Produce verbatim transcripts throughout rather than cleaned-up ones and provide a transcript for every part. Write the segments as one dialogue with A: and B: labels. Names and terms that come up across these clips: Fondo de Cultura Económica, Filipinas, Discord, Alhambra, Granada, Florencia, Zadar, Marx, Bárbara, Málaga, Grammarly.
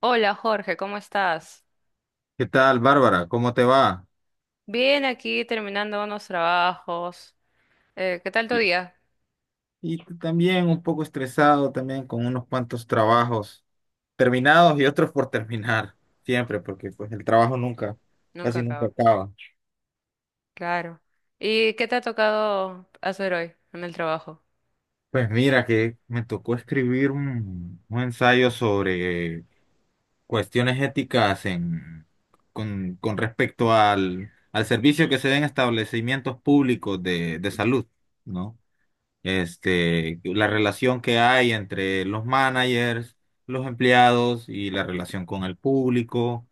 A: Hola Jorge, ¿cómo estás?
B: ¿Qué tal, Bárbara? ¿Cómo te va?
A: Bien, aquí terminando unos trabajos. Eh, ¿qué tal tu
B: Y
A: día?
B: y tú también un poco estresado, también con unos cuantos trabajos terminados y otros por terminar, siempre, porque pues el trabajo nunca,
A: Nunca
B: casi nunca
A: acaba.
B: acaba.
A: Claro. ¿Y qué te ha tocado hacer hoy en el trabajo?
B: Pues mira que me tocó escribir un, un ensayo sobre cuestiones éticas en, con, con respecto al, al servicio que se den establecimientos públicos de, de salud, ¿no? Este, la relación que hay entre los managers, los empleados y la relación con el público.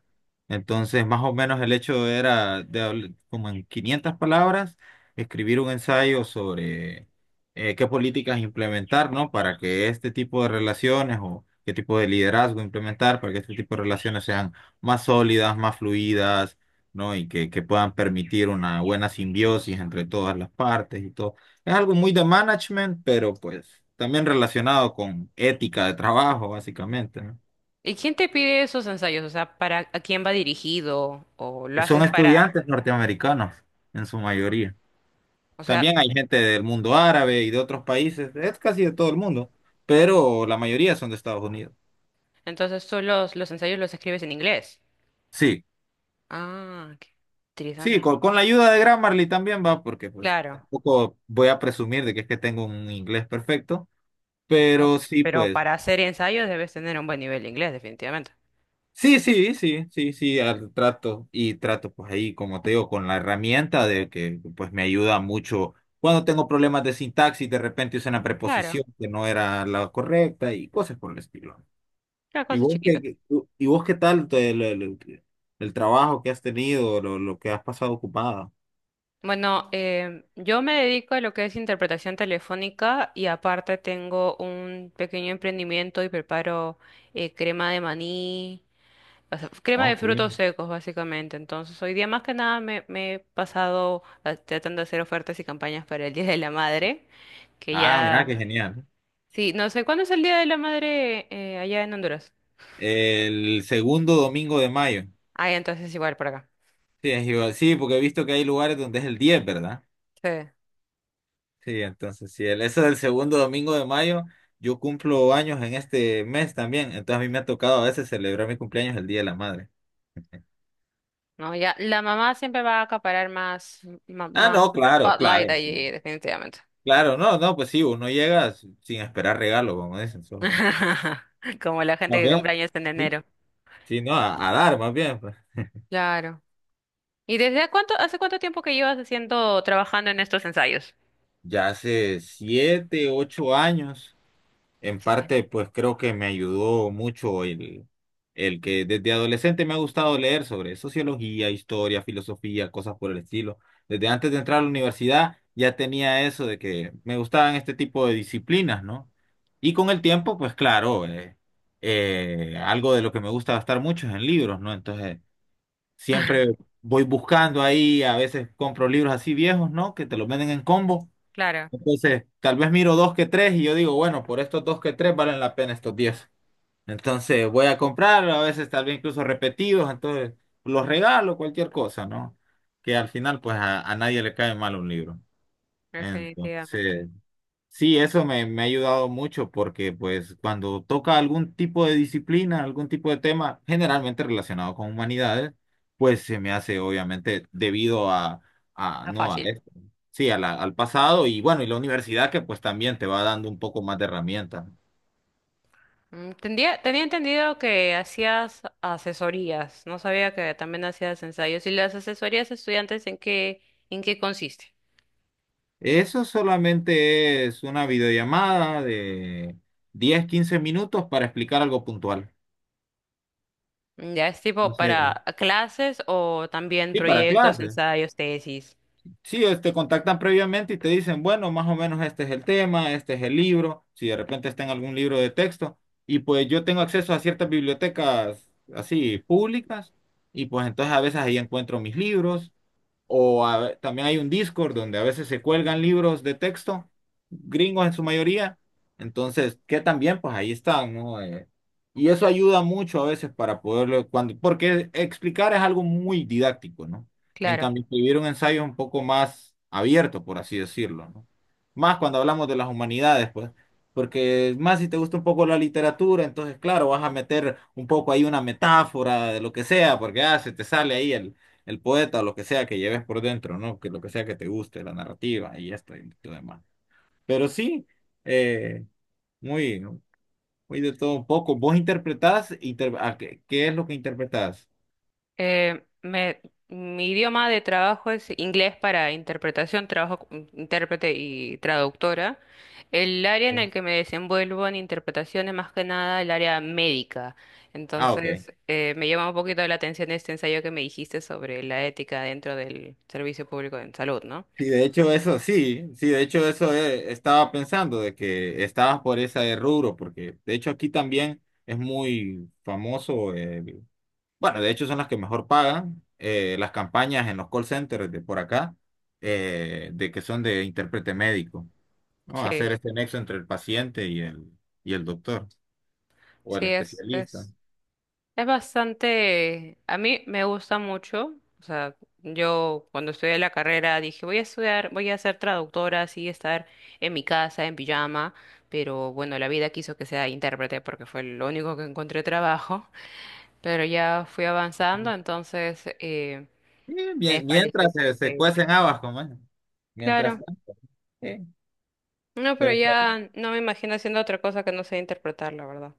B: Entonces, más o menos el hecho era de habl- como en quinientas palabras, escribir un ensayo sobre eh, qué políticas implementar, ¿no? Para que este tipo de relaciones o qué tipo de liderazgo implementar, para que este tipo de relaciones sean más sólidas, más fluidas, ¿no? Y que, que puedan permitir una buena simbiosis entre todas las partes y todo. Es algo muy de management, pero pues también relacionado con ética de trabajo, básicamente, ¿no?
A: ¿Y quién te pide esos ensayos? O sea, ¿para a quién va dirigido? ¿O lo
B: Que Son
A: haces para...?
B: estudiantes norteamericanos en su mayoría.
A: O sea,
B: También hay gente del mundo árabe y de otros países, es casi de todo el mundo, pero la mayoría son de Estados Unidos.
A: entonces tú los, los ensayos los escribes en inglés.
B: Sí,
A: Ah, qué
B: sí,
A: interesante.
B: con, con la ayuda de Grammarly también va, porque pues
A: Claro.
B: tampoco voy a presumir de que es que tengo un inglés perfecto,
A: Ah,
B: pero sí,
A: pero
B: pues.
A: para hacer ensayos debes tener un buen nivel de inglés, definitivamente.
B: Sí, sí, sí, sí, sí, al- trato y trato pues ahí, como te digo, con la herramienta de que pues me ayuda mucho cuando tengo problemas de sintaxis, de repente usé una
A: Claro,
B: preposición que no era la correcta y cosas por el estilo.
A: claro,
B: ¿Y
A: cosas
B: vos qué,
A: chiquitas.
B: qué- y vos qué tal te- el, el- el trabajo que has tenido, lo, lo que has pasado ocupada?
A: Bueno, em, yo me dedico a lo que es interpretación telefónica y aparte tengo un pequeño emprendimiento y preparo eh, crema de maní, o sea, crema de
B: Ok.
A: frutos secos básicamente. Entonces, hoy día más que nada me, me he pasado a- tratando de hacer ofertas y campañas para el Día de la Madre, que
B: Ah, mira, qué
A: ya...
B: genial, ¿no?
A: Sí, no sé, ¿cuándo es el Día de la Madre eh, allá en Honduras?
B: El segundo domingo de mayo.
A: Ah, ya, entonces igual por acá.
B: Sí, es igual. Sí, porque he visto que hay lugares donde es el diez, ¿verdad?
A: Sí.
B: Sí, entonces, sí. el, eso del segundo domingo de mayo, yo cumplo años en este mes también, entonces a mí me ha tocado a veces celebrar mi cumpleaños el Día de la Madre.
A: No, ya, la mamá siempre va a acaparar más, ma-
B: Ah,
A: más
B: no, claro, claro.
A: spotlight allí, definitivamente.
B: Claro, no, no, pues sí, uno llega sin sin esperar regalo, como dicen, solo.
A: Como la gente
B: Más
A: que
B: bien,
A: cumple años en
B: sí,
A: enero.
B: sí, no, a, a dar, más bien, pues.
A: Claro. ¿Y desde a cuánto, hace cuánto tiempo que llevas haciendo, trabajando en estos ensayos?
B: Ya hace siete, ocho años. En parte, pues creo que me ayudó mucho el, el que desde adolescente me ha gustado leer sobre sociología, historia, filosofía, cosas por el estilo. Desde antes de entrar a la universidad ya tenía eso de que me gustaban este tipo de disciplinas, ¿no? Y con el tiempo, pues claro, eh, eh, algo de lo que me gusta gastar mucho es en libros, ¿no? Entonces, siempre voy buscando ahí, a veces compro libros así viejos, ¿no? Que te los venden en combo,
A: Claro,
B: entonces, tal vez miro dos que tres y yo digo, bueno, por estos dos que tres valen la pena estos diez. Entonces, voy a comprar, a veces tal vez incluso repetidos, entonces los regalo, cualquier cosa, ¿no? Que al final, pues a, a nadie le cae mal un libro.
A: definitivamente.
B: Entonces, sí, eso me, me ha ayudado mucho porque pues cuando toca algún tipo de disciplina, algún tipo de tema generalmente relacionado con humanidades, pues se me hace obviamente debido a, a
A: No es
B: no a
A: fácil.
B: esto, sí, a la- al pasado y bueno, y la universidad que pues también te va dando un poco más de herramientas, ¿no?
A: Mm, Tendía, tenía entendido que hacías asesorías, no sabía que también hacías ensayos. ¿Y las asesorías a estudiantes en qué, en qué consiste?
B: Eso solamente es una videollamada de diez quince minutos para explicar algo puntual.
A: Mm, ¿ya es tipo
B: Entonces,
A: para clases o también
B: sí, para
A: proyectos,
B: clases.
A: ensayos, tesis?
B: Sí, es- te contactan previamente y te dicen, bueno, más o menos este es el tema, este es el libro, si de repente está en algún libro de texto, y pues yo tengo acceso a ciertas bibliotecas así públicas, y pues entonces a veces ahí encuentro mis libros, o a- también hay un Discord donde a veces se cuelgan libros de texto, gringos en su mayoría. Entonces, que también, pues ahí están, ¿no? Eh, y eso ayuda mucho a veces para poderlo, cuando, porque explicar es algo muy didáctico, ¿no? En
A: Claro.
B: cambio, escribir un ensayo es un poco más abierto, por así decirlo, ¿no? Más cuando hablamos de las humanidades, pues. Porque más si te gusta un poco la literatura, entonces claro, vas a meter un poco ahí una metáfora de lo que sea, porque ah, se te sale ahí el, el poeta, lo que sea que lleves por dentro, ¿no? Que lo que sea que te guste, la narrativa y esto y lo demás. Pero sí, eh, muy, muy de todo un poco. ¿Vos interpretás? Inter- ¿a qué, qué es lo que interpretás?
A: Eh, me- mi idioma de trabajo es inglés para interpretación, trabajo como intérprete y traductora. El área
B: Sí.
A: en el que me desenvuelvo en interpretación es más que nada el área médica.
B: Ah, ok.
A: Entonces, eh, me llama un poquito la atención este ensayo que me dijiste sobre la ética dentro del servicio público en salud, ¿no?
B: Sí, de hecho eso, sí, sí, de hecho eso, eh, estaba pensando de que estabas por ese rubro, porque de hecho aquí también es muy famoso, eh, bueno, de hecho son las que mejor pagan, eh, las campañas en los call centers de por acá, eh, de que son de intérprete médico, ¿no?
A: Sí,
B: Hacer este nexo entre el paciente y el, y el doctor o
A: sí,
B: el
A: es,
B: especialista.
A: es Es bastante, a mí me gusta mucho, o sea, yo cuando estudié la carrera dije, voy a estudiar, voy a ser traductora, así estar en mi casa, en pijama, pero bueno, la vida quiso que sea intérprete porque fue lo único que encontré trabajo, pero ya fui avanzando,
B: Sí,
A: entonces eh, me
B: mie-
A: despalicé,
B: mientras
A: se
B: se, se
A: dice, ¿no?
B: cuecen habas, como es. Mientras
A: Claro,
B: tanto. Sí,
A: no, pero
B: pero está bien.
A: ya no me imagino haciendo otra cosa que no sea interpretar, la verdad.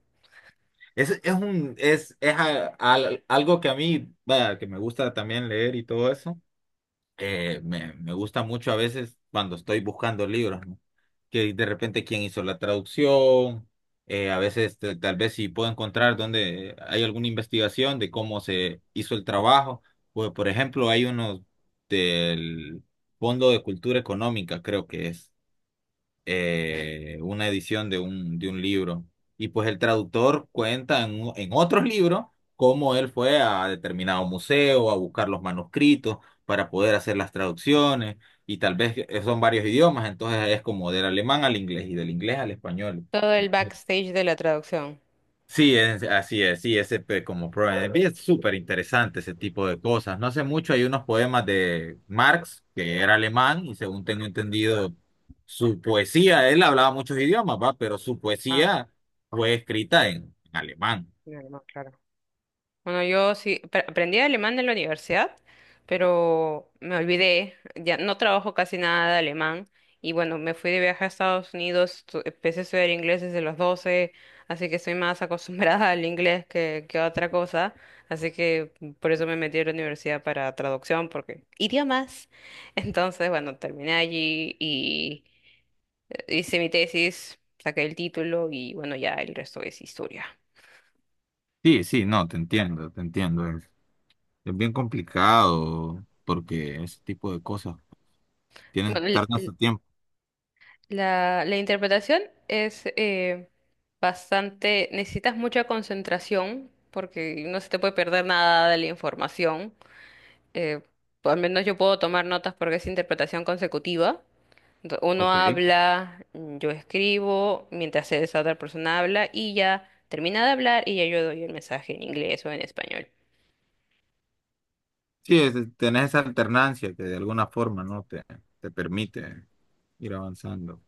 B: Es, es un, es, es a- al- Algo que a mí, vaya, que me gusta también leer y todo eso. eh, me, me gusta mucho a veces cuando estoy buscando libros, que de repente quién hizo la traducción, eh, a veces te- tal vez si puedo encontrar donde hay alguna investigación de cómo se hizo el trabajo, pues por ejemplo hay unos del Fondo de Cultura Económica, creo que es, eh, una edición de un, de un libro. Y pues el traductor cuenta en, u- en otros libros cómo él fue a determinado museo a buscar los manuscritos para poder hacer las traducciones. Y tal vez eh, son varios idiomas, entonces es como del alemán al inglés y del inglés al español.
A: Todo el backstage de la traducción.
B: Sí, es, así es, sí, ese pe- como problema. Es súper interesante ese tipo de cosas. No hace mucho hay unos poemas de Marx, que era alemán, y según tengo entendido, su poesía, él hablaba muchos idiomas, ¿va? Pero su
A: Ah,
B: poesía fue escrita en, en alemán.
A: no, no, claro. Bueno, yo sí pre- aprendí alemán en la universidad, pero me olvidé, ya no trabajo casi nada de alemán y bueno, me fui de viaje a Estados Unidos, tu- empecé a estudiar inglés desde los doce, así que estoy más acostumbrada al inglés que, que a otra cosa, así que por eso me metí a la universidad para traducción, porque idiomas. Entonces, bueno, terminé allí y eh, hice mi tesis, saqué el título y bueno, ya el resto es historia.
B: Sí, sí, no, te entiendo, te entiendo. Es, es bien complicado porque ese tipo de cosas tienen,
A: Bueno,
B: tardan su tiempo.
A: La, la interpretación es eh, bastante, necesitas mucha concentración porque no se te puede perder nada de la información. Eh, pues, al menos yo puedo tomar notas porque es interpretación consecutiva. Ento- Uno
B: Ok.
A: habla, mm, yo escribo, mientras esa otra persona habla y ya termina de hablar y ya yo doy el mensaje en inglés o en español.
B: Sí, es- tenés esa alternancia que de alguna forma, ¿no? Te, te permite ir avanzando.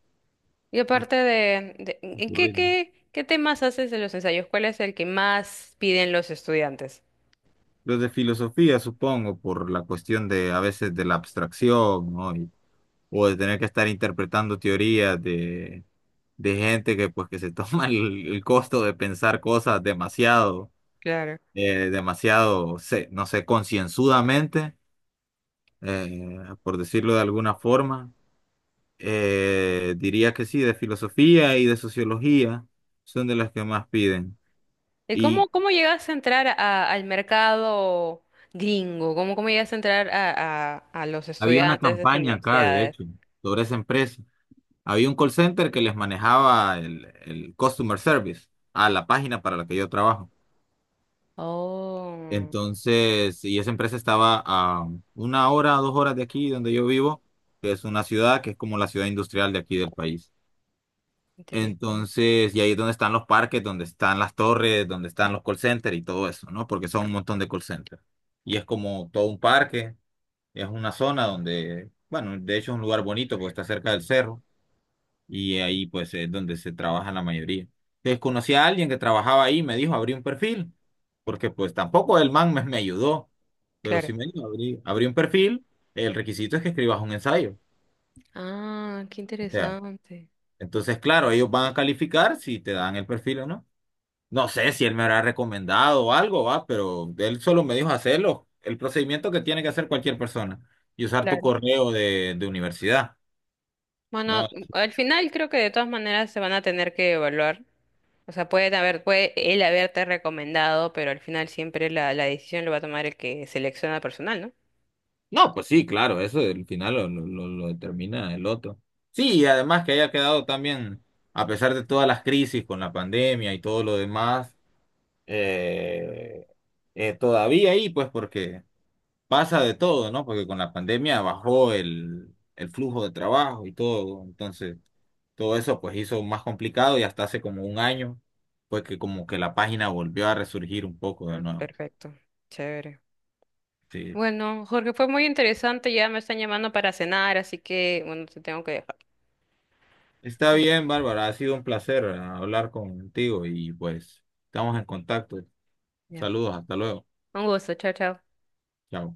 A: Y aparte de, de- ¿en
B: Tu
A: qué,
B: ritmo.
A: qué, qué temas haces en los ensayos? ¿Cuál es el que más piden los estudiantes?
B: Los de filosofía, supongo, por la cuestión de a veces de la abstracción, ¿no? Y- o de tener que estar interpretando teorías de, de gente que pues que se toma el, el costo de pensar cosas demasiado,
A: Claro.
B: eh, demasiado, se- no sé, concienzudamente, eh, por decirlo de alguna forma. Eh, diría que sí, de filosofía y de sociología son de las que más piden.
A: ¿Y cómo,
B: Y
A: cómo llegas a entrar a- al mercado gringo? ¿Cómo, cómo llegas a entrar a, a, a los
B: había una
A: estudiantes de las
B: campaña acá, de
A: universidades?
B: hecho, sobre esa empresa. Había un call center que les manejaba el, el customer service a la página para la que yo trabajo.
A: Oh,
B: Entonces, y esa empresa estaba a una hora, dos horas de aquí, donde yo vivo, que es una ciudad que es como la ciudad industrial de aquí del país.
A: interesante.
B: Entonces, y ahí es donde están los parques, donde están las torres, donde están los call centers y todo eso, ¿no? Porque son un montón de call centers. Y es como todo un parque, es una zona donde, bueno, de hecho es un lugar bonito porque está cerca del cerro y ahí pues es donde se trabaja la mayoría. Desconocí a alguien que trabajaba ahí, me dijo abrí un perfil, porque pues tampoco el man me, me ayudó, pero sí
A: Claro.
B: me dijo abrí, abrí un perfil, el requisito es que escribas un ensayo.
A: Ah, qué
B: O sea,
A: interesante.
B: entonces claro, ellos van a calificar si te dan el perfil o no. No sé si él me habrá recomendado o algo, va, pero él solo me dijo hacerlo, el procedimiento que tiene que hacer cualquier persona y usar tu
A: Claro.
B: correo de, de universidad.
A: Bueno,
B: No,
A: al final creo que de todas maneras se van a tener que evaluar. O sea, puede haber, puede él haberte recomendado, pero al final siempre la, la decisión lo va a tomar el que selecciona personal, ¿no?
B: no, pues sí, claro, eso al final lo, lo, lo- lo determina el otro. Sí, y además que haya quedado también, a pesar de todas las crisis con la pandemia y todo lo demás, eh, eh, todavía ahí, pues porque pasa de todo, ¿no? Porque con la pandemia bajó el, el flujo de trabajo y todo, entonces todo eso pues hizo más complicado y hasta hace como un año, pues que como que la página volvió a resurgir un poco de
A: Ah,
B: nuevo.
A: perfecto. Chévere.
B: Sí,
A: Bueno, Jorge, fue muy interesante. Ya me están llamando para cenar, así que, bueno, te tengo que dejar.
B: está
A: Mm,
B: bien, Bárbara, ha sido un placer, ah, hablar contigo y pues estamos en contacto.
A: ya.
B: Saludos, hasta luego.
A: Un gusto, chao, chao.
B: Chao.